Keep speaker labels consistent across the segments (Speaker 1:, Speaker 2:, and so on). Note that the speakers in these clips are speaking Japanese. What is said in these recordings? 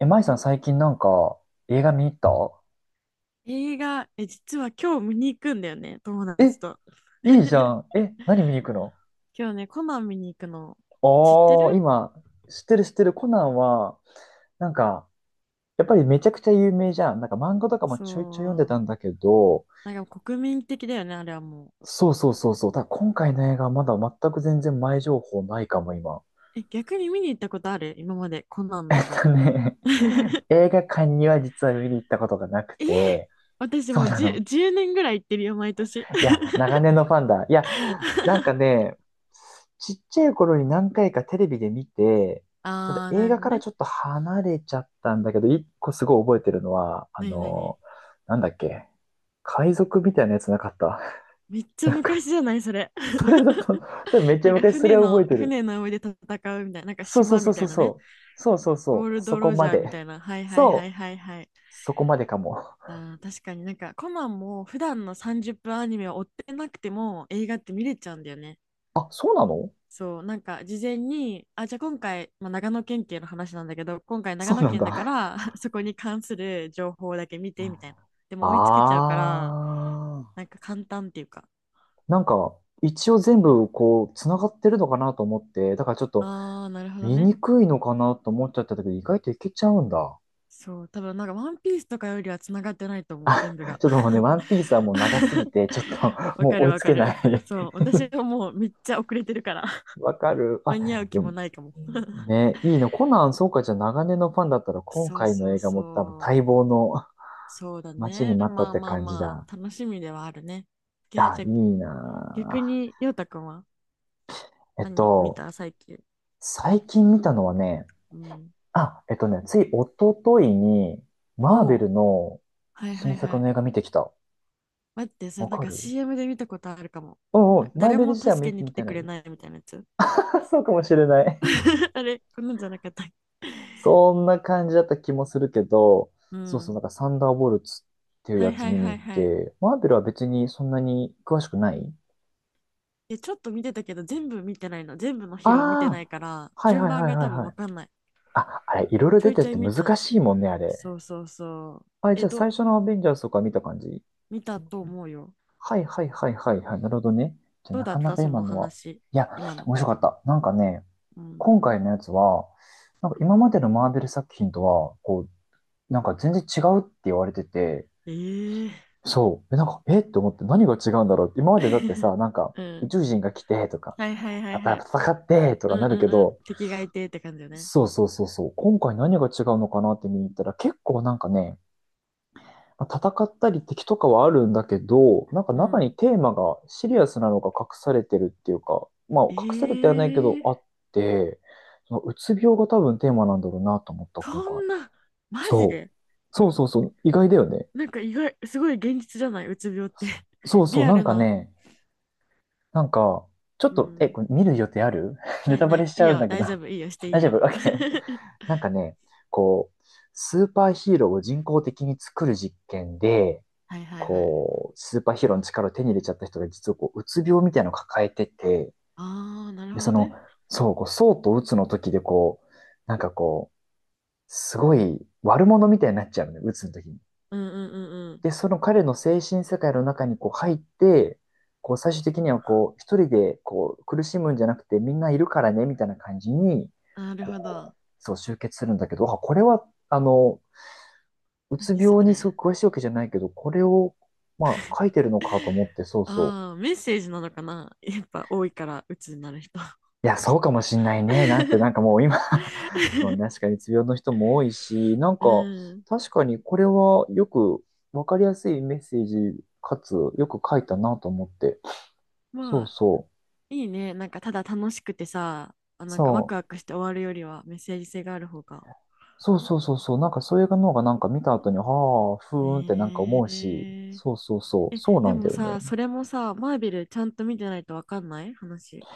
Speaker 1: え、舞さん最近なんか映画見に行った？
Speaker 2: 映画、実は今日見に行くんだよね、友達
Speaker 1: え、
Speaker 2: と。
Speaker 1: いいじゃん。え、何見に行くの？
Speaker 2: 今日ね、コナン見に行くの。
Speaker 1: ああ
Speaker 2: 知って
Speaker 1: ー、
Speaker 2: る？
Speaker 1: 今、知ってる知ってる。コナンは、なんか、やっぱりめちゃくちゃ有名じゃん。なんか漫画とかも
Speaker 2: そ
Speaker 1: ちょいちょい読んでた
Speaker 2: う。
Speaker 1: んだけど、
Speaker 2: なんか国民的だよね、あれはもう。
Speaker 1: そうそうそうそう。ただ今回の映画はまだ全く全然前情報ないかも、今。
Speaker 2: 逆に見に行ったことある？今まで、コナン の
Speaker 1: えっ
Speaker 2: 映画。
Speaker 1: とね、映画館には実は見に行ったことがなく
Speaker 2: えー
Speaker 1: て、
Speaker 2: 私
Speaker 1: そ
Speaker 2: も
Speaker 1: う
Speaker 2: う
Speaker 1: な
Speaker 2: 10,
Speaker 1: の。
Speaker 2: 年ぐらい行ってるよ、毎年。
Speaker 1: いや、長年のファンだ。いや、なんか ね、ちっちゃい頃に何回かテレビで見て、ただ
Speaker 2: あー、な
Speaker 1: 映
Speaker 2: るほ
Speaker 1: 画
Speaker 2: ど
Speaker 1: から
Speaker 2: ね。
Speaker 1: ちょっと離れちゃったんだけど、一個すごい覚えてるのは、あ
Speaker 2: なになに？
Speaker 1: の、なんだっけ、海賊みたいなやつなかった？
Speaker 2: めっち ゃ
Speaker 1: なんか、
Speaker 2: 昔じゃない、それ。
Speaker 1: それだと、多分め っ
Speaker 2: な
Speaker 1: ち
Speaker 2: ん
Speaker 1: ゃ
Speaker 2: か
Speaker 1: 昔そ
Speaker 2: 船
Speaker 1: れを覚え
Speaker 2: の、
Speaker 1: てる。
Speaker 2: 船の上で戦うみたいな、なんか
Speaker 1: そうそう
Speaker 2: 島
Speaker 1: そ
Speaker 2: み
Speaker 1: う
Speaker 2: た
Speaker 1: そ
Speaker 2: い
Speaker 1: う
Speaker 2: なね。
Speaker 1: そう。そうそう
Speaker 2: ゴ
Speaker 1: そ
Speaker 2: ー
Speaker 1: う。
Speaker 2: ル
Speaker 1: そ
Speaker 2: ド
Speaker 1: こ
Speaker 2: ロジ
Speaker 1: ま
Speaker 2: ャーみた
Speaker 1: で。
Speaker 2: いな。はいはいは
Speaker 1: そ
Speaker 2: い
Speaker 1: う。
Speaker 2: はいはい。
Speaker 1: そこまでかも。
Speaker 2: あー確かになんかコナンも普段の30分アニメを追ってなくても映画って見れちゃうんだよね。
Speaker 1: あ、そうなの？
Speaker 2: そうなんか事前にじゃあ今回、まあ、長野県警の話なんだけど今回長
Speaker 1: そう
Speaker 2: 野
Speaker 1: なん
Speaker 2: 県だか
Speaker 1: だ。
Speaker 2: ら そこに関する情報だけ見てみたいな。で
Speaker 1: あ
Speaker 2: も追いつけちゃうから、
Speaker 1: あ。
Speaker 2: なんか簡単っていうか。
Speaker 1: なんか、一応全部こう、繋がってるのかなと思って、だからちょっと
Speaker 2: ああ、なるほど
Speaker 1: 見
Speaker 2: ね。
Speaker 1: にくいのかなと思っちゃったけど、意外といけちゃうんだ。
Speaker 2: そう、多分なんかワンピースとかよりはつながってないと思う、全部が。
Speaker 1: ちょっともうね、ワンピースはもう長すぎ て、ちょっと
Speaker 2: わ
Speaker 1: も
Speaker 2: か
Speaker 1: う追
Speaker 2: る
Speaker 1: い
Speaker 2: わ
Speaker 1: つ
Speaker 2: か
Speaker 1: けな
Speaker 2: る。
Speaker 1: い
Speaker 2: そう、 私はもうめっちゃ遅れてるから、
Speaker 1: わかる。
Speaker 2: 間
Speaker 1: あ、
Speaker 2: に合う気
Speaker 1: でも、
Speaker 2: もないかも。
Speaker 1: ね、いいの。コナン、そうか、じゃあ長年のファンだったら、今
Speaker 2: そう
Speaker 1: 回
Speaker 2: そ
Speaker 1: の
Speaker 2: う
Speaker 1: 映画も多分待
Speaker 2: そう。
Speaker 1: 望の、
Speaker 2: そうだ
Speaker 1: 待ちに
Speaker 2: ね。
Speaker 1: 待ったっ
Speaker 2: まあ
Speaker 1: て
Speaker 2: まあ
Speaker 1: 感じ
Speaker 2: ま
Speaker 1: だ。
Speaker 2: あ、楽しみではあるね。いや、
Speaker 1: あ、
Speaker 2: じゃ
Speaker 1: い
Speaker 2: あ
Speaker 1: いな
Speaker 2: 逆
Speaker 1: ぁ。
Speaker 2: に、ようたくんは
Speaker 1: えっ
Speaker 2: 何見
Speaker 1: と、
Speaker 2: た最近？
Speaker 1: 最近見たのはね、
Speaker 2: うん。
Speaker 1: あ、つい一昨日に、マー
Speaker 2: お
Speaker 1: ベ
Speaker 2: お、
Speaker 1: ルの
Speaker 2: はいは
Speaker 1: 新
Speaker 2: いは
Speaker 1: 作
Speaker 2: い。
Speaker 1: の映画見てきた。
Speaker 2: 待って、それ
Speaker 1: わ
Speaker 2: なん
Speaker 1: か
Speaker 2: か
Speaker 1: る。
Speaker 2: CM で見たことあるかも。
Speaker 1: うんうん、マー
Speaker 2: 誰
Speaker 1: ベル
Speaker 2: も
Speaker 1: 自体は
Speaker 2: 助
Speaker 1: 見
Speaker 2: けに
Speaker 1: て
Speaker 2: 来
Speaker 1: み
Speaker 2: て
Speaker 1: てな
Speaker 2: くれ
Speaker 1: い。
Speaker 2: ないみたいなやつ。
Speaker 1: そうかもしれない。
Speaker 2: あれ、こんなんじゃなかったっけ。
Speaker 1: そ んな感じだった気もするけど、
Speaker 2: う
Speaker 1: そうそう、なん
Speaker 2: ん。
Speaker 1: かサンダーボルツっていう
Speaker 2: は
Speaker 1: や
Speaker 2: い
Speaker 1: つ
Speaker 2: はい
Speaker 1: 見に
Speaker 2: はい
Speaker 1: 行っ
Speaker 2: はい。
Speaker 1: て、マーベルは別にそんなに詳しくない。
Speaker 2: ちょっと見てたけど、全部見てないの。全部のヒロ見て
Speaker 1: ああ
Speaker 2: な
Speaker 1: ー、
Speaker 2: いから、
Speaker 1: はい
Speaker 2: 順
Speaker 1: はい
Speaker 2: 番
Speaker 1: はい
Speaker 2: が
Speaker 1: は
Speaker 2: 多
Speaker 1: い
Speaker 2: 分
Speaker 1: は
Speaker 2: わ
Speaker 1: い。
Speaker 2: かんない。
Speaker 1: あ、あれ、いろいろ
Speaker 2: ちょ
Speaker 1: 出
Speaker 2: いち
Speaker 1: て
Speaker 2: ょい
Speaker 1: て
Speaker 2: 見て
Speaker 1: 難
Speaker 2: た。
Speaker 1: しいもんね、あれ。
Speaker 2: そうそうそう。
Speaker 1: あれ、じゃあ最初のアベンジャーズとか見た感じ？
Speaker 2: 見たと思うよ。
Speaker 1: はいはいはいはいはい。なるほどね。じゃあ
Speaker 2: どう
Speaker 1: な
Speaker 2: だっ
Speaker 1: かな
Speaker 2: た
Speaker 1: か
Speaker 2: そ
Speaker 1: 今
Speaker 2: の
Speaker 1: のは。
Speaker 2: 話、
Speaker 1: いや、
Speaker 2: 今の？
Speaker 1: 面白かった。なんかね、
Speaker 2: うん。
Speaker 1: 今回のやつは、なんか今までのマーベル作品とは、なんか全然違うって言われてて、
Speaker 2: えー、
Speaker 1: そう。え、なんか、えって思って何が違うんだろうって。今までだって さ、なんか
Speaker 2: う
Speaker 1: 宇
Speaker 2: ん。
Speaker 1: 宙人が来てとか、
Speaker 2: はいはいはいは
Speaker 1: 戦
Speaker 2: い。
Speaker 1: 戦ってと
Speaker 2: う
Speaker 1: か
Speaker 2: ん
Speaker 1: な
Speaker 2: う
Speaker 1: る
Speaker 2: ん
Speaker 1: け
Speaker 2: うん。
Speaker 1: ど、
Speaker 2: 敵がいてって感じよね。
Speaker 1: そうそうそうそう。今回何が違うのかなって見に行ったら結構なんかね、まあ戦ったり敵とかはあるんだけど、なんか
Speaker 2: う
Speaker 1: 中
Speaker 2: ん。
Speaker 1: にテーマがシリアスなのが隠されてるっていうか、まあ
Speaker 2: え
Speaker 1: 隠されてはないけど
Speaker 2: ー、
Speaker 1: あって、そのうつ病が多分テーマなんだろうなと思った、今
Speaker 2: そ
Speaker 1: 回。
Speaker 2: んな、マジ
Speaker 1: そう。
Speaker 2: で？う
Speaker 1: そうそうそう。意外だよね。
Speaker 2: なんか意外、すごい現実じゃないうつ病って。
Speaker 1: そうそ
Speaker 2: リ
Speaker 1: う。
Speaker 2: ア
Speaker 1: なん
Speaker 2: ル
Speaker 1: か
Speaker 2: な。
Speaker 1: ね、なんか、ちょっ
Speaker 2: う
Speaker 1: と、え、
Speaker 2: ん。
Speaker 1: これ見る予定ある？
Speaker 2: な
Speaker 1: ネ
Speaker 2: い
Speaker 1: タバ
Speaker 2: ない。
Speaker 1: レしち
Speaker 2: いい
Speaker 1: ゃうん
Speaker 2: よ、
Speaker 1: だけど。
Speaker 2: 大丈夫。いいよ、して い
Speaker 1: 大
Speaker 2: い
Speaker 1: 丈
Speaker 2: よ。
Speaker 1: 夫？ OK。なんかね、こう、スーパーヒーローを人工的に作る実験で、
Speaker 2: はいはいはい。
Speaker 1: こう、スーパーヒーローの力を手に入れちゃった人が実はこう、うつ病みたいなのを抱えてて、
Speaker 2: ああ、なる
Speaker 1: で、
Speaker 2: ほど
Speaker 1: そ
Speaker 2: ね。
Speaker 1: の、そう、こう、そうとうつの時でこう、なんかこう、すごい悪者みたいになっちゃうのね、うつの時に。
Speaker 2: うんうんうんうん。
Speaker 1: で、その彼の精神世界の中にこう入って、こう最終的にはこう、一人でこう苦しむんじゃなくてみんないるからね、みたいな感じに、
Speaker 2: なるほど。
Speaker 1: こう、そう集結するんだけど、あ、これは、あの、うつ
Speaker 2: 何そ
Speaker 1: 病にす
Speaker 2: れ？
Speaker 1: ごく詳しいわけじゃないけど、これを、まあ、書いてるのかと思 って、そうそう。
Speaker 2: ああ、メッセージなのかな？ やっぱ多いから、鬱になる人。
Speaker 1: いや、そうかもしんないね。なんてなんか もう今、 そう、ね、確かにうつ病の人も多いし、なん
Speaker 2: う
Speaker 1: か
Speaker 2: ん。
Speaker 1: 確かにこれはよくわかりやすいメッセージかつよく書いたなと思って。そ
Speaker 2: ま
Speaker 1: う
Speaker 2: あ、
Speaker 1: そう。
Speaker 2: いいね。なんか、ただ楽しくてさ、あ、なんかワ
Speaker 1: そ
Speaker 2: ク
Speaker 1: う。
Speaker 2: ワクして終わるよりはメッセージ性がある方が。
Speaker 1: そうそうそうそう。なんかそういうの方がなんか見た後に、はあ、ふーんってなんか
Speaker 2: ね
Speaker 1: 思うし。
Speaker 2: え。
Speaker 1: そうそうそう。そう
Speaker 2: で
Speaker 1: なんだ
Speaker 2: も
Speaker 1: よ
Speaker 2: さ、
Speaker 1: ね。
Speaker 2: それもさ、マーベルちゃんと見てないとわかんない話。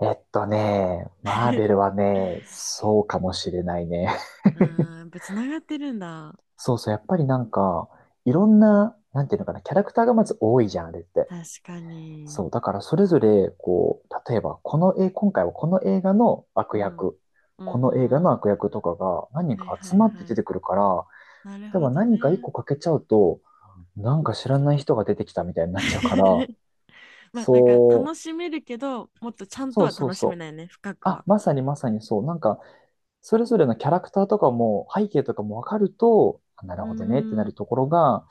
Speaker 1: マーベル はね、そうかもしれないね。
Speaker 2: うん、やっぱつながってるんだ。
Speaker 1: そうそう、やっぱりなんか、いろんな、なんていうのかな、キャラクターがまず多いじゃん、あれって。
Speaker 2: 確か
Speaker 1: そう、
Speaker 2: に。
Speaker 1: だからそれぞれ、こう、例えば、この絵、今回はこの映画の悪
Speaker 2: うん。うん
Speaker 1: 役、
Speaker 2: う
Speaker 1: この
Speaker 2: ん
Speaker 1: 映画の
Speaker 2: うん。
Speaker 1: 悪役とかが何人
Speaker 2: はい
Speaker 1: か
Speaker 2: は
Speaker 1: 集
Speaker 2: い
Speaker 1: まって
Speaker 2: は
Speaker 1: 出
Speaker 2: い。
Speaker 1: てくるから、
Speaker 2: なる
Speaker 1: 例え
Speaker 2: ほ
Speaker 1: ば
Speaker 2: ど
Speaker 1: 何か一
Speaker 2: ね。
Speaker 1: 個欠けちゃうと、なんか知らない人が出てきたみたいになっちゃうから、
Speaker 2: まあなんか
Speaker 1: そ
Speaker 2: 楽
Speaker 1: う、
Speaker 2: しめるけど、もっとちゃんと
Speaker 1: そう
Speaker 2: は
Speaker 1: そう
Speaker 2: 楽しめ
Speaker 1: そう。
Speaker 2: ないね、深く
Speaker 1: あ、
Speaker 2: は。
Speaker 1: まさにまさにそう。なんか、それぞれのキャラクターとかも、背景とかもわかると、あな
Speaker 2: う
Speaker 1: る
Speaker 2: ー
Speaker 1: ほどねってな
Speaker 2: ん。
Speaker 1: るところが、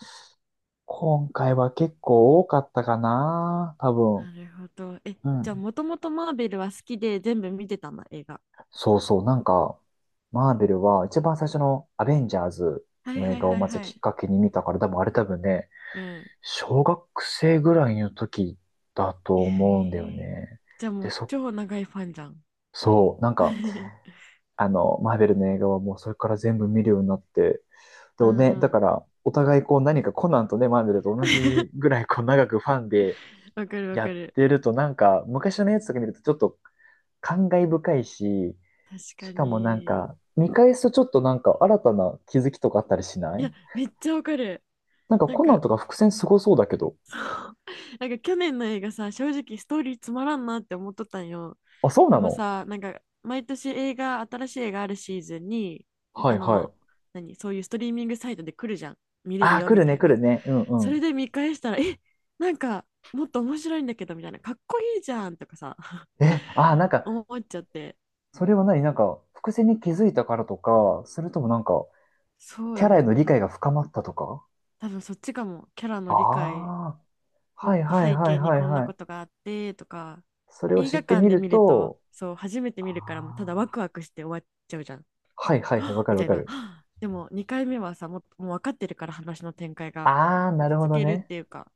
Speaker 1: 今回は結構多かったかな、多分。
Speaker 2: なるほど。
Speaker 1: う
Speaker 2: じゃあ
Speaker 1: ん。
Speaker 2: もともとマーベルは好きで全部見てたんだ、映画。
Speaker 1: そうそう、なんか、マーベルは一番最初のアベンジャーズ
Speaker 2: はい
Speaker 1: の
Speaker 2: は
Speaker 1: 映
Speaker 2: い
Speaker 1: 画
Speaker 2: は
Speaker 1: を
Speaker 2: い
Speaker 1: まず
Speaker 2: は
Speaker 1: き
Speaker 2: い。
Speaker 1: っかけに見たから、多分あれ多分ね、
Speaker 2: うん。
Speaker 1: 小学生ぐらいの時だ
Speaker 2: え
Speaker 1: と思うんだよ
Speaker 2: ー
Speaker 1: ね。
Speaker 2: じゃあも
Speaker 1: で、
Speaker 2: う
Speaker 1: そ、
Speaker 2: 超長いファンじゃん。
Speaker 1: そう、なんか、あの、マーベルの映画はもうそれから全部見るようになって、で
Speaker 2: う
Speaker 1: もね、
Speaker 2: ん
Speaker 1: だ
Speaker 2: う
Speaker 1: か
Speaker 2: ん。
Speaker 1: ら、お互いこう何かコナンとね、マーベルと同じ ぐらいこう長くファンで
Speaker 2: わかるわ
Speaker 1: や
Speaker 2: か
Speaker 1: っ
Speaker 2: る。
Speaker 1: てると、なんか、昔のやつとか見るとちょっと感慨深いし、
Speaker 2: 確
Speaker 1: し
Speaker 2: か
Speaker 1: かもなん
Speaker 2: に。
Speaker 1: か、見返すとちょっとなんか新たな気づきとかあったりしな
Speaker 2: い
Speaker 1: い？
Speaker 2: やめっちゃわかる。
Speaker 1: なんか
Speaker 2: なん
Speaker 1: コナン
Speaker 2: か
Speaker 1: とか伏線すごそうだけど。
Speaker 2: なんか去年の映画さ、正直ストーリーつまらんなって思っとったんよ。
Speaker 1: あ、そう
Speaker 2: で
Speaker 1: な
Speaker 2: も
Speaker 1: の？
Speaker 2: さ、なんか毎年映画、新しい映画あるシーズンに、
Speaker 1: は
Speaker 2: あ
Speaker 1: いは
Speaker 2: の、
Speaker 1: い。
Speaker 2: 何、そういうストリーミングサイトで来るじゃん。見れる
Speaker 1: ああ、
Speaker 2: よ
Speaker 1: 来
Speaker 2: み
Speaker 1: る
Speaker 2: た
Speaker 1: ね
Speaker 2: い
Speaker 1: 来
Speaker 2: な。
Speaker 1: るね。うん
Speaker 2: そ
Speaker 1: う
Speaker 2: れ
Speaker 1: ん。
Speaker 2: で見返したら、なんかもっと面白いんだけどみたいな、かっこいいじゃんとかさ、
Speaker 1: え、ああ、なん か、
Speaker 2: 思っちゃって。
Speaker 1: それは何なんか、伏線に気づいたからとか、それともなんか、
Speaker 2: そう
Speaker 1: キ
Speaker 2: だ
Speaker 1: ャラ
Speaker 2: ね
Speaker 1: への
Speaker 2: な。
Speaker 1: 理解が深まったとか？
Speaker 2: 多分そっちかも。キャラ
Speaker 1: あ
Speaker 2: の理解、
Speaker 1: あ、
Speaker 2: もっ
Speaker 1: はい
Speaker 2: と
Speaker 1: はい
Speaker 2: 背
Speaker 1: はい
Speaker 2: 景に
Speaker 1: はい
Speaker 2: こんな
Speaker 1: はい。
Speaker 2: ことがあってとか。
Speaker 1: それを
Speaker 2: 映
Speaker 1: 知っ
Speaker 2: 画
Speaker 1: て
Speaker 2: 館
Speaker 1: み
Speaker 2: で
Speaker 1: る
Speaker 2: 見ると
Speaker 1: と、
Speaker 2: そう、初めて
Speaker 1: あ
Speaker 2: 見るからもうただワ
Speaker 1: あ、
Speaker 2: クワクして終わっちゃうじゃん。
Speaker 1: はいはいはい、わ か
Speaker 2: み
Speaker 1: るわ
Speaker 2: たい
Speaker 1: か
Speaker 2: な。
Speaker 1: る。
Speaker 2: でも2回目はさ、もう分かってるから話の展開が
Speaker 1: ああ、な
Speaker 2: 落
Speaker 1: るほ
Speaker 2: ち着
Speaker 1: ど
Speaker 2: けるっ
Speaker 1: ね。
Speaker 2: ていうか。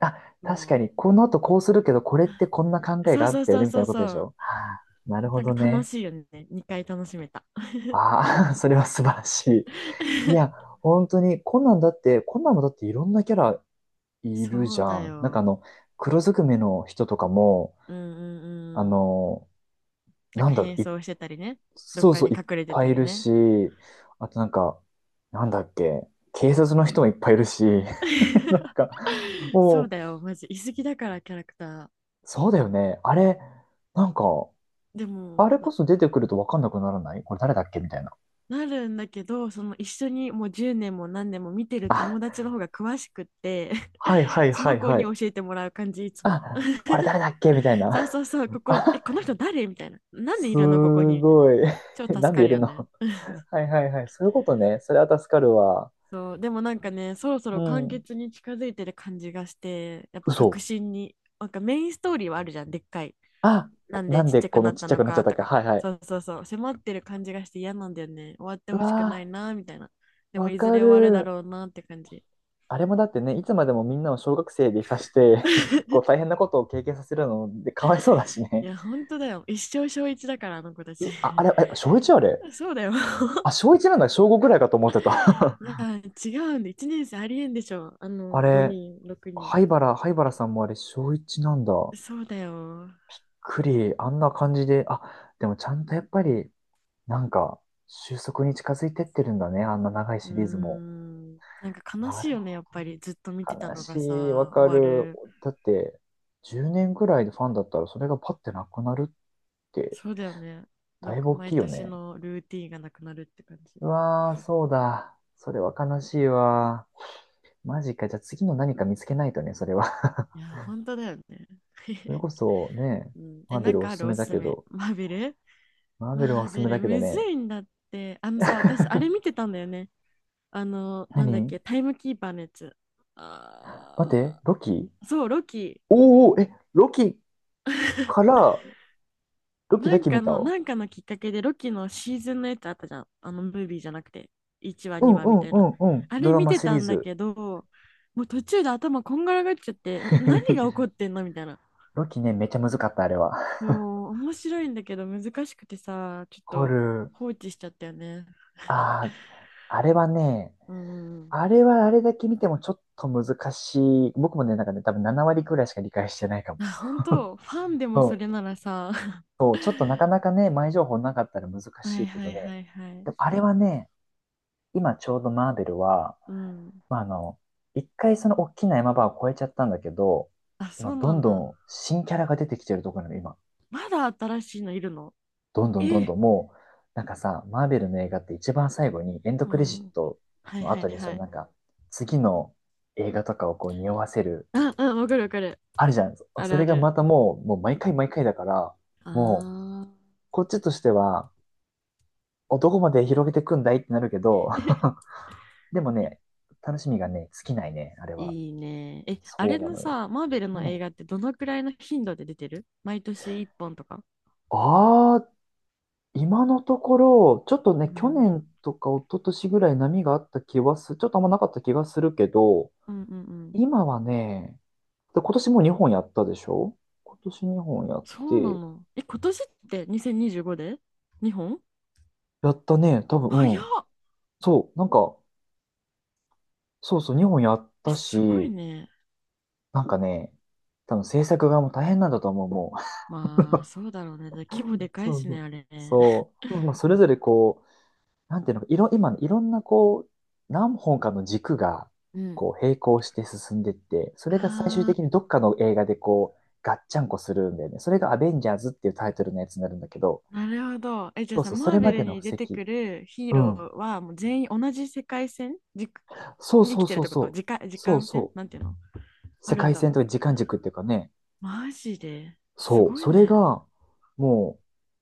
Speaker 1: あ、
Speaker 2: そ
Speaker 1: 確かに、この後こうするけど、これってこんな
Speaker 2: う
Speaker 1: 考え
Speaker 2: そ
Speaker 1: が
Speaker 2: う
Speaker 1: あ
Speaker 2: そ
Speaker 1: っ
Speaker 2: う
Speaker 1: たよ
Speaker 2: そう
Speaker 1: ね、みた
Speaker 2: そ
Speaker 1: い
Speaker 2: う
Speaker 1: なことでし
Speaker 2: そう。
Speaker 1: ょ？はあ、なるほ
Speaker 2: なん
Speaker 1: ど
Speaker 2: か楽
Speaker 1: ね。
Speaker 2: しいよね、2回楽しめた。
Speaker 1: ああ、それは素晴らし い。いや、本当に、コナンだって、コナンもだっていろんなキャラいる
Speaker 2: そ
Speaker 1: じ
Speaker 2: う
Speaker 1: ゃ
Speaker 2: だ
Speaker 1: ん。なんかあ
Speaker 2: よ。
Speaker 1: の、黒ずくめの人とかも、
Speaker 2: うんうん
Speaker 1: あ
Speaker 2: うん。
Speaker 1: の、
Speaker 2: なん
Speaker 1: な
Speaker 2: か
Speaker 1: んだろ
Speaker 2: 変
Speaker 1: う、い、
Speaker 2: 装してたりね。どっ
Speaker 1: そう
Speaker 2: か
Speaker 1: そ
Speaker 2: に
Speaker 1: う、いっ
Speaker 2: 隠れて
Speaker 1: ぱ
Speaker 2: た
Speaker 1: いい
Speaker 2: り
Speaker 1: る
Speaker 2: ね。
Speaker 1: し、あとなんか、なんだっけ、警察の人もいっぱいいるし、なん か、
Speaker 2: そう
Speaker 1: も
Speaker 2: だ
Speaker 1: う、
Speaker 2: よ、マジ居すぎだから、キャラクタ
Speaker 1: そうだよね。あれ、なんか、
Speaker 2: ーでも。
Speaker 1: あれこそ出てくると分かんなくならない？これ誰だっけみたいな。
Speaker 2: なるんだけど、その一緒にもう10年も何年も見てる
Speaker 1: あ、
Speaker 2: 友達の方が詳しくって
Speaker 1: はいは い
Speaker 2: そ
Speaker 1: は
Speaker 2: の
Speaker 1: い
Speaker 2: 子
Speaker 1: は
Speaker 2: に教
Speaker 1: い。
Speaker 2: えてもらう感じ、いつも。
Speaker 1: あ、これ誰だっけみたい
Speaker 2: そう
Speaker 1: な。
Speaker 2: そうそう、ここ、
Speaker 1: あ、
Speaker 2: この人誰みたいな。なんでい
Speaker 1: す
Speaker 2: るのここに、みたいな。
Speaker 1: ごい。
Speaker 2: 超
Speaker 1: な
Speaker 2: 助
Speaker 1: ん
Speaker 2: か
Speaker 1: でい
Speaker 2: る
Speaker 1: る
Speaker 2: よ
Speaker 1: の？
Speaker 2: ね。
Speaker 1: はいはいはい。そういうことね。それは助かるわ。
Speaker 2: そう、でもなんかね、そろそ
Speaker 1: う
Speaker 2: ろ完
Speaker 1: ん。
Speaker 2: 結に近づいてる感じがして、やっぱ
Speaker 1: 嘘。
Speaker 2: 確信に、なんかメインストーリーはあるじゃん、でっかい。
Speaker 1: あ、
Speaker 2: なん
Speaker 1: な
Speaker 2: で
Speaker 1: ん
Speaker 2: ちっ
Speaker 1: で
Speaker 2: ちゃく
Speaker 1: こ
Speaker 2: な
Speaker 1: の
Speaker 2: っ
Speaker 1: ちっ
Speaker 2: た
Speaker 1: ちゃ
Speaker 2: の
Speaker 1: くなっちゃっ
Speaker 2: か
Speaker 1: たっ
Speaker 2: と
Speaker 1: け？
Speaker 2: か、
Speaker 1: はいは
Speaker 2: そ
Speaker 1: い。
Speaker 2: うそうそう、迫ってる感じがして嫌なんだよね。終わって
Speaker 1: う
Speaker 2: ほしくない
Speaker 1: わ
Speaker 2: な、みたいな。
Speaker 1: ー、
Speaker 2: でも
Speaker 1: わ
Speaker 2: いず
Speaker 1: か
Speaker 2: れ終わるだ
Speaker 1: る。
Speaker 2: ろうなって感じ。
Speaker 1: あれもだってね、いつまでもみんなを小学生でいさして こう大変なことを経験させるのでかわいそうだし
Speaker 2: い
Speaker 1: ね。
Speaker 2: や、本当だよ。一生小一だから、あの子たち
Speaker 1: うあ、あれ、え、小1あれ？
Speaker 2: そうだよ
Speaker 1: あ、小1なんだ。小5くらいかと思ってた。
Speaker 2: いや、違うんで、1年生ありえんでしょ。あ
Speaker 1: あ
Speaker 2: の、
Speaker 1: れ、
Speaker 2: 5人、6人。
Speaker 1: 灰原、灰原さんもあれ、小一なんだ。
Speaker 2: そうだよ。
Speaker 1: クリ、あんな感じで、あ、でもちゃんとやっぱり、なんか、収束に近づいてってるんだね、あんな長い
Speaker 2: うー
Speaker 1: シリーズも。
Speaker 2: ん。なんか悲
Speaker 1: な
Speaker 2: しい
Speaker 1: る
Speaker 2: よね、やっぱり。ずっと見
Speaker 1: ほ
Speaker 2: て
Speaker 1: ど。
Speaker 2: た
Speaker 1: 悲
Speaker 2: の
Speaker 1: し
Speaker 2: が
Speaker 1: い、わ
Speaker 2: さ、終
Speaker 1: か
Speaker 2: わ
Speaker 1: る。
Speaker 2: る。
Speaker 1: だって、10年ぐらいでファンだったら、それがパッてなくなるって、
Speaker 2: そうだよね。なん
Speaker 1: だい
Speaker 2: か
Speaker 1: ぶ大き
Speaker 2: 毎
Speaker 1: いよ
Speaker 2: 年
Speaker 1: ね。
Speaker 2: のルーティンがなくなるって感じ。
Speaker 1: うわー、そうだ。それは悲しいわ。マジか。じゃあ次の何か見つけないとね、それは。
Speaker 2: いや、本当だよね。
Speaker 1: それ こそね、
Speaker 2: うん、
Speaker 1: マー
Speaker 2: な
Speaker 1: ベ
Speaker 2: ん
Speaker 1: ルお
Speaker 2: かあ
Speaker 1: すす
Speaker 2: るお
Speaker 1: め
Speaker 2: す
Speaker 1: だ
Speaker 2: す
Speaker 1: け
Speaker 2: め？
Speaker 1: ど、
Speaker 2: マーベル
Speaker 1: マーベルはお
Speaker 2: マー
Speaker 1: すす
Speaker 2: ベ
Speaker 1: めだ
Speaker 2: ル、
Speaker 1: けど
Speaker 2: むず
Speaker 1: ね、
Speaker 2: いんだって。あのさ、私、あ れ見てたんだよね。あの、なんだっ
Speaker 1: 何
Speaker 2: け、タイムキーパーのやつ。
Speaker 1: 待って、
Speaker 2: あ
Speaker 1: ロキ。
Speaker 2: ーそう、ロキ。
Speaker 1: おーおー、え、ロキから、ロキ
Speaker 2: な
Speaker 1: だ
Speaker 2: ん
Speaker 1: け見
Speaker 2: か
Speaker 1: た。
Speaker 2: の、
Speaker 1: う
Speaker 2: なんかのきっかけで、ロキのシーズンのやつあったじゃん。あの、ムービーじゃなくて。1話、
Speaker 1: んう
Speaker 2: 2話みた
Speaker 1: ん
Speaker 2: い
Speaker 1: う
Speaker 2: な。
Speaker 1: んうん。
Speaker 2: あ
Speaker 1: ド
Speaker 2: れ
Speaker 1: ラ
Speaker 2: 見
Speaker 1: マ
Speaker 2: て
Speaker 1: シリ
Speaker 2: た
Speaker 1: ー
Speaker 2: んだ
Speaker 1: ズ。
Speaker 2: けど、もう途中で頭こんがらがっちゃって、何が起こ ってんのみたいな。
Speaker 1: ロキね、めっちゃむずかった、あれは。
Speaker 2: もう、面白いんだけど難しくてさ、ちょっ
Speaker 1: ホ
Speaker 2: と
Speaker 1: ル、
Speaker 2: 放置しちゃったよね。
Speaker 1: あー、あれはね、
Speaker 2: うん。
Speaker 1: あれはあれだけ見てもちょっと難しい。僕もね、なんかね、多分7割くらいしか理解してないかも。
Speaker 2: あ、本当？ファンでもそ
Speaker 1: そ
Speaker 2: れ
Speaker 1: う。
Speaker 2: ならさ。
Speaker 1: そう、ちょっとなかなかね、前情報なかったら難し
Speaker 2: はい
Speaker 1: いけ
Speaker 2: は
Speaker 1: ど
Speaker 2: い
Speaker 1: ね。
Speaker 2: はいはい。
Speaker 1: でもあれはね、今ちょうどマーベルは、
Speaker 2: うん。
Speaker 1: まあ、一回その大きな山場を越えちゃったんだけど、
Speaker 2: あ、そ
Speaker 1: 今
Speaker 2: う
Speaker 1: ど
Speaker 2: な
Speaker 1: ん
Speaker 2: ん
Speaker 1: ど
Speaker 2: だ。
Speaker 1: ん新キャラが出てきてるところなの、今。
Speaker 2: まだ新しいのいるの？
Speaker 1: どんどんど
Speaker 2: え
Speaker 1: んど
Speaker 2: え。
Speaker 1: んもう、なんかさ、マーベルの映画って一番最後にエンド
Speaker 2: う
Speaker 1: クレジッ
Speaker 2: ん。
Speaker 1: ト
Speaker 2: はい
Speaker 1: の
Speaker 2: はい
Speaker 1: 後にそ
Speaker 2: は
Speaker 1: の
Speaker 2: い。
Speaker 1: 次の映画とかをこう匂わせる、
Speaker 2: あ、うん、わかるわかる。
Speaker 1: あるじゃん。
Speaker 2: ある
Speaker 1: そ
Speaker 2: あ
Speaker 1: れが
Speaker 2: る。
Speaker 1: またもう、もう毎回毎回だから、
Speaker 2: あ
Speaker 1: もう、
Speaker 2: あ。
Speaker 1: こっちとしては、おどこまで広げてくんだいってなるけど、でもね、楽しみがね、尽きないね、あれは。
Speaker 2: いいね。あ
Speaker 1: そう
Speaker 2: れ
Speaker 1: な
Speaker 2: の
Speaker 1: のよ。
Speaker 2: さ、マーベルの
Speaker 1: う
Speaker 2: 映
Speaker 1: ん。
Speaker 2: 画ってどのくらいの頻度で出てる？毎年1本とか？
Speaker 1: あ、今のところ、ちょっとね、
Speaker 2: う
Speaker 1: 去
Speaker 2: ん。
Speaker 1: 年とか一昨年ぐらい波があった気はす、ちょっとあんまなかった気がするけど、
Speaker 2: うんうんうん。
Speaker 1: 今はね、で今年も2本やったでしょ。今年2本やっ
Speaker 2: そうな
Speaker 1: て、
Speaker 2: の？今年って2025で？ 2 本？
Speaker 1: やったね、多分、
Speaker 2: 早
Speaker 1: うん。
Speaker 2: っ。
Speaker 1: そう、なんか、そうそう、2本やった
Speaker 2: すごい
Speaker 1: し、
Speaker 2: ね。
Speaker 1: なんかね、多分制作側も大変なんだと思う、もう。
Speaker 2: まあ、そうだろうね。だから規模で かい
Speaker 1: そう
Speaker 2: し
Speaker 1: そ
Speaker 2: ね、
Speaker 1: う。
Speaker 2: あれね。
Speaker 1: そう。まあ、それぞれこ、なんていうのか、いろ、今のいろんなこう、何本かの軸が、
Speaker 2: うん。
Speaker 1: こ う、並行して進んでって、それが最終
Speaker 2: あ
Speaker 1: 的
Speaker 2: あ。
Speaker 1: にどっかの映画でこう、ガッチャンコするんだよね。それがアベンジャーズっていうタイトルのやつになるんだけど、
Speaker 2: なるほど。じゃ
Speaker 1: そ
Speaker 2: あ
Speaker 1: う
Speaker 2: さ、
Speaker 1: そう、そ
Speaker 2: マー
Speaker 1: れま
Speaker 2: ベル
Speaker 1: での
Speaker 2: に
Speaker 1: 布
Speaker 2: 出
Speaker 1: 石。
Speaker 2: てくるヒー
Speaker 1: う
Speaker 2: ロ
Speaker 1: ん。
Speaker 2: ーはもう全員同じ世界線
Speaker 1: そう
Speaker 2: に生
Speaker 1: そ
Speaker 2: き
Speaker 1: う
Speaker 2: てる
Speaker 1: そ
Speaker 2: っ
Speaker 1: う
Speaker 2: てこと？
Speaker 1: そ
Speaker 2: 時間、
Speaker 1: う。
Speaker 2: 時
Speaker 1: そう
Speaker 2: 間線
Speaker 1: そ
Speaker 2: なんていうの？
Speaker 1: う、
Speaker 2: あ
Speaker 1: 世
Speaker 2: るん
Speaker 1: 界
Speaker 2: だ。
Speaker 1: 線とか時間軸っていうかね。
Speaker 2: マジです
Speaker 1: そう。
Speaker 2: ごい
Speaker 1: それ
Speaker 2: ね。
Speaker 1: が、も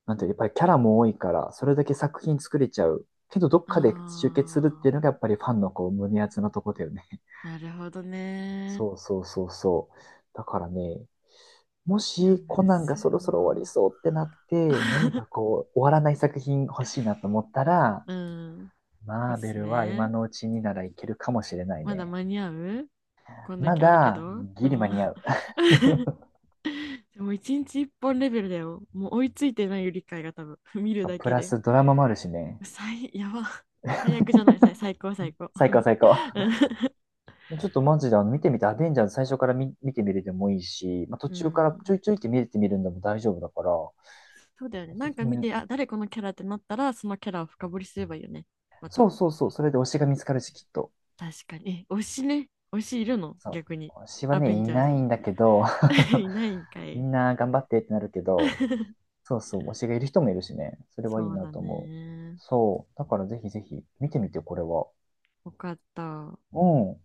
Speaker 1: う、なんていうの、やっぱりキャラも多いから、それだけ作品作れちゃう。けど、どっか
Speaker 2: あ
Speaker 1: で集結するっていうのが、やっぱりファンのこう、胸熱なとこだよね。
Speaker 2: ー、なるほどね。
Speaker 1: そうそうそうそう。だからね、も
Speaker 2: いや、
Speaker 1: し
Speaker 2: む
Speaker 1: コナンが
Speaker 2: ず
Speaker 1: そろ
Speaker 2: い
Speaker 1: そろ終わり
Speaker 2: わ。
Speaker 1: そうってなって、何かこう、終わらない作品欲しいなと思ったら、
Speaker 2: うん。お
Speaker 1: マー
Speaker 2: す
Speaker 1: ベ
Speaker 2: す
Speaker 1: ルは今
Speaker 2: め？
Speaker 1: のうちにならいけるかもしれない
Speaker 2: まだ
Speaker 1: ね。
Speaker 2: 間に合う？こんだ
Speaker 1: ま
Speaker 2: けあるけ
Speaker 1: だ、
Speaker 2: ど。うん。
Speaker 1: ギリ間に合う。
Speaker 2: でも一日一本レベルだよ。もう追いついてないよ、理解が多分。見るだ
Speaker 1: プ
Speaker 2: け
Speaker 1: ラ
Speaker 2: で。
Speaker 1: スドラマもあるしね。
Speaker 2: やば。最悪じゃない、最高、最高。う
Speaker 1: 最高最高。ちょっとマジであの見てみて、アベンジャーズ最初から見、見てみるでもいいし、まあ、途中から
Speaker 2: ん。
Speaker 1: ちょいちょ いって見れてみるんでも大丈夫だから、お
Speaker 2: そうだよね。な
Speaker 1: す
Speaker 2: んか
Speaker 1: す
Speaker 2: 見
Speaker 1: め。
Speaker 2: て、あ、誰このキャラってなったら、そのキャラを深掘りすればいいよね。ま
Speaker 1: そ
Speaker 2: た。
Speaker 1: うそうそう、それで推しが見つかるし、きっと。
Speaker 2: 確かに。推しね。推しいるの？
Speaker 1: そ
Speaker 2: 逆に。
Speaker 1: う。推しは
Speaker 2: アベ
Speaker 1: ね、い
Speaker 2: ンジャー
Speaker 1: な
Speaker 2: ズ
Speaker 1: い
Speaker 2: に。
Speaker 1: んだけど、
Speaker 2: いないんか
Speaker 1: み
Speaker 2: い。
Speaker 1: んな頑張ってってなるけど、そうそう、推しがいる人もいるしね。それはいい
Speaker 2: そう
Speaker 1: な
Speaker 2: だ
Speaker 1: と思う。
Speaker 2: ね。
Speaker 1: そう。だからぜひぜひ見てみて、これは。
Speaker 2: よかった。
Speaker 1: うん。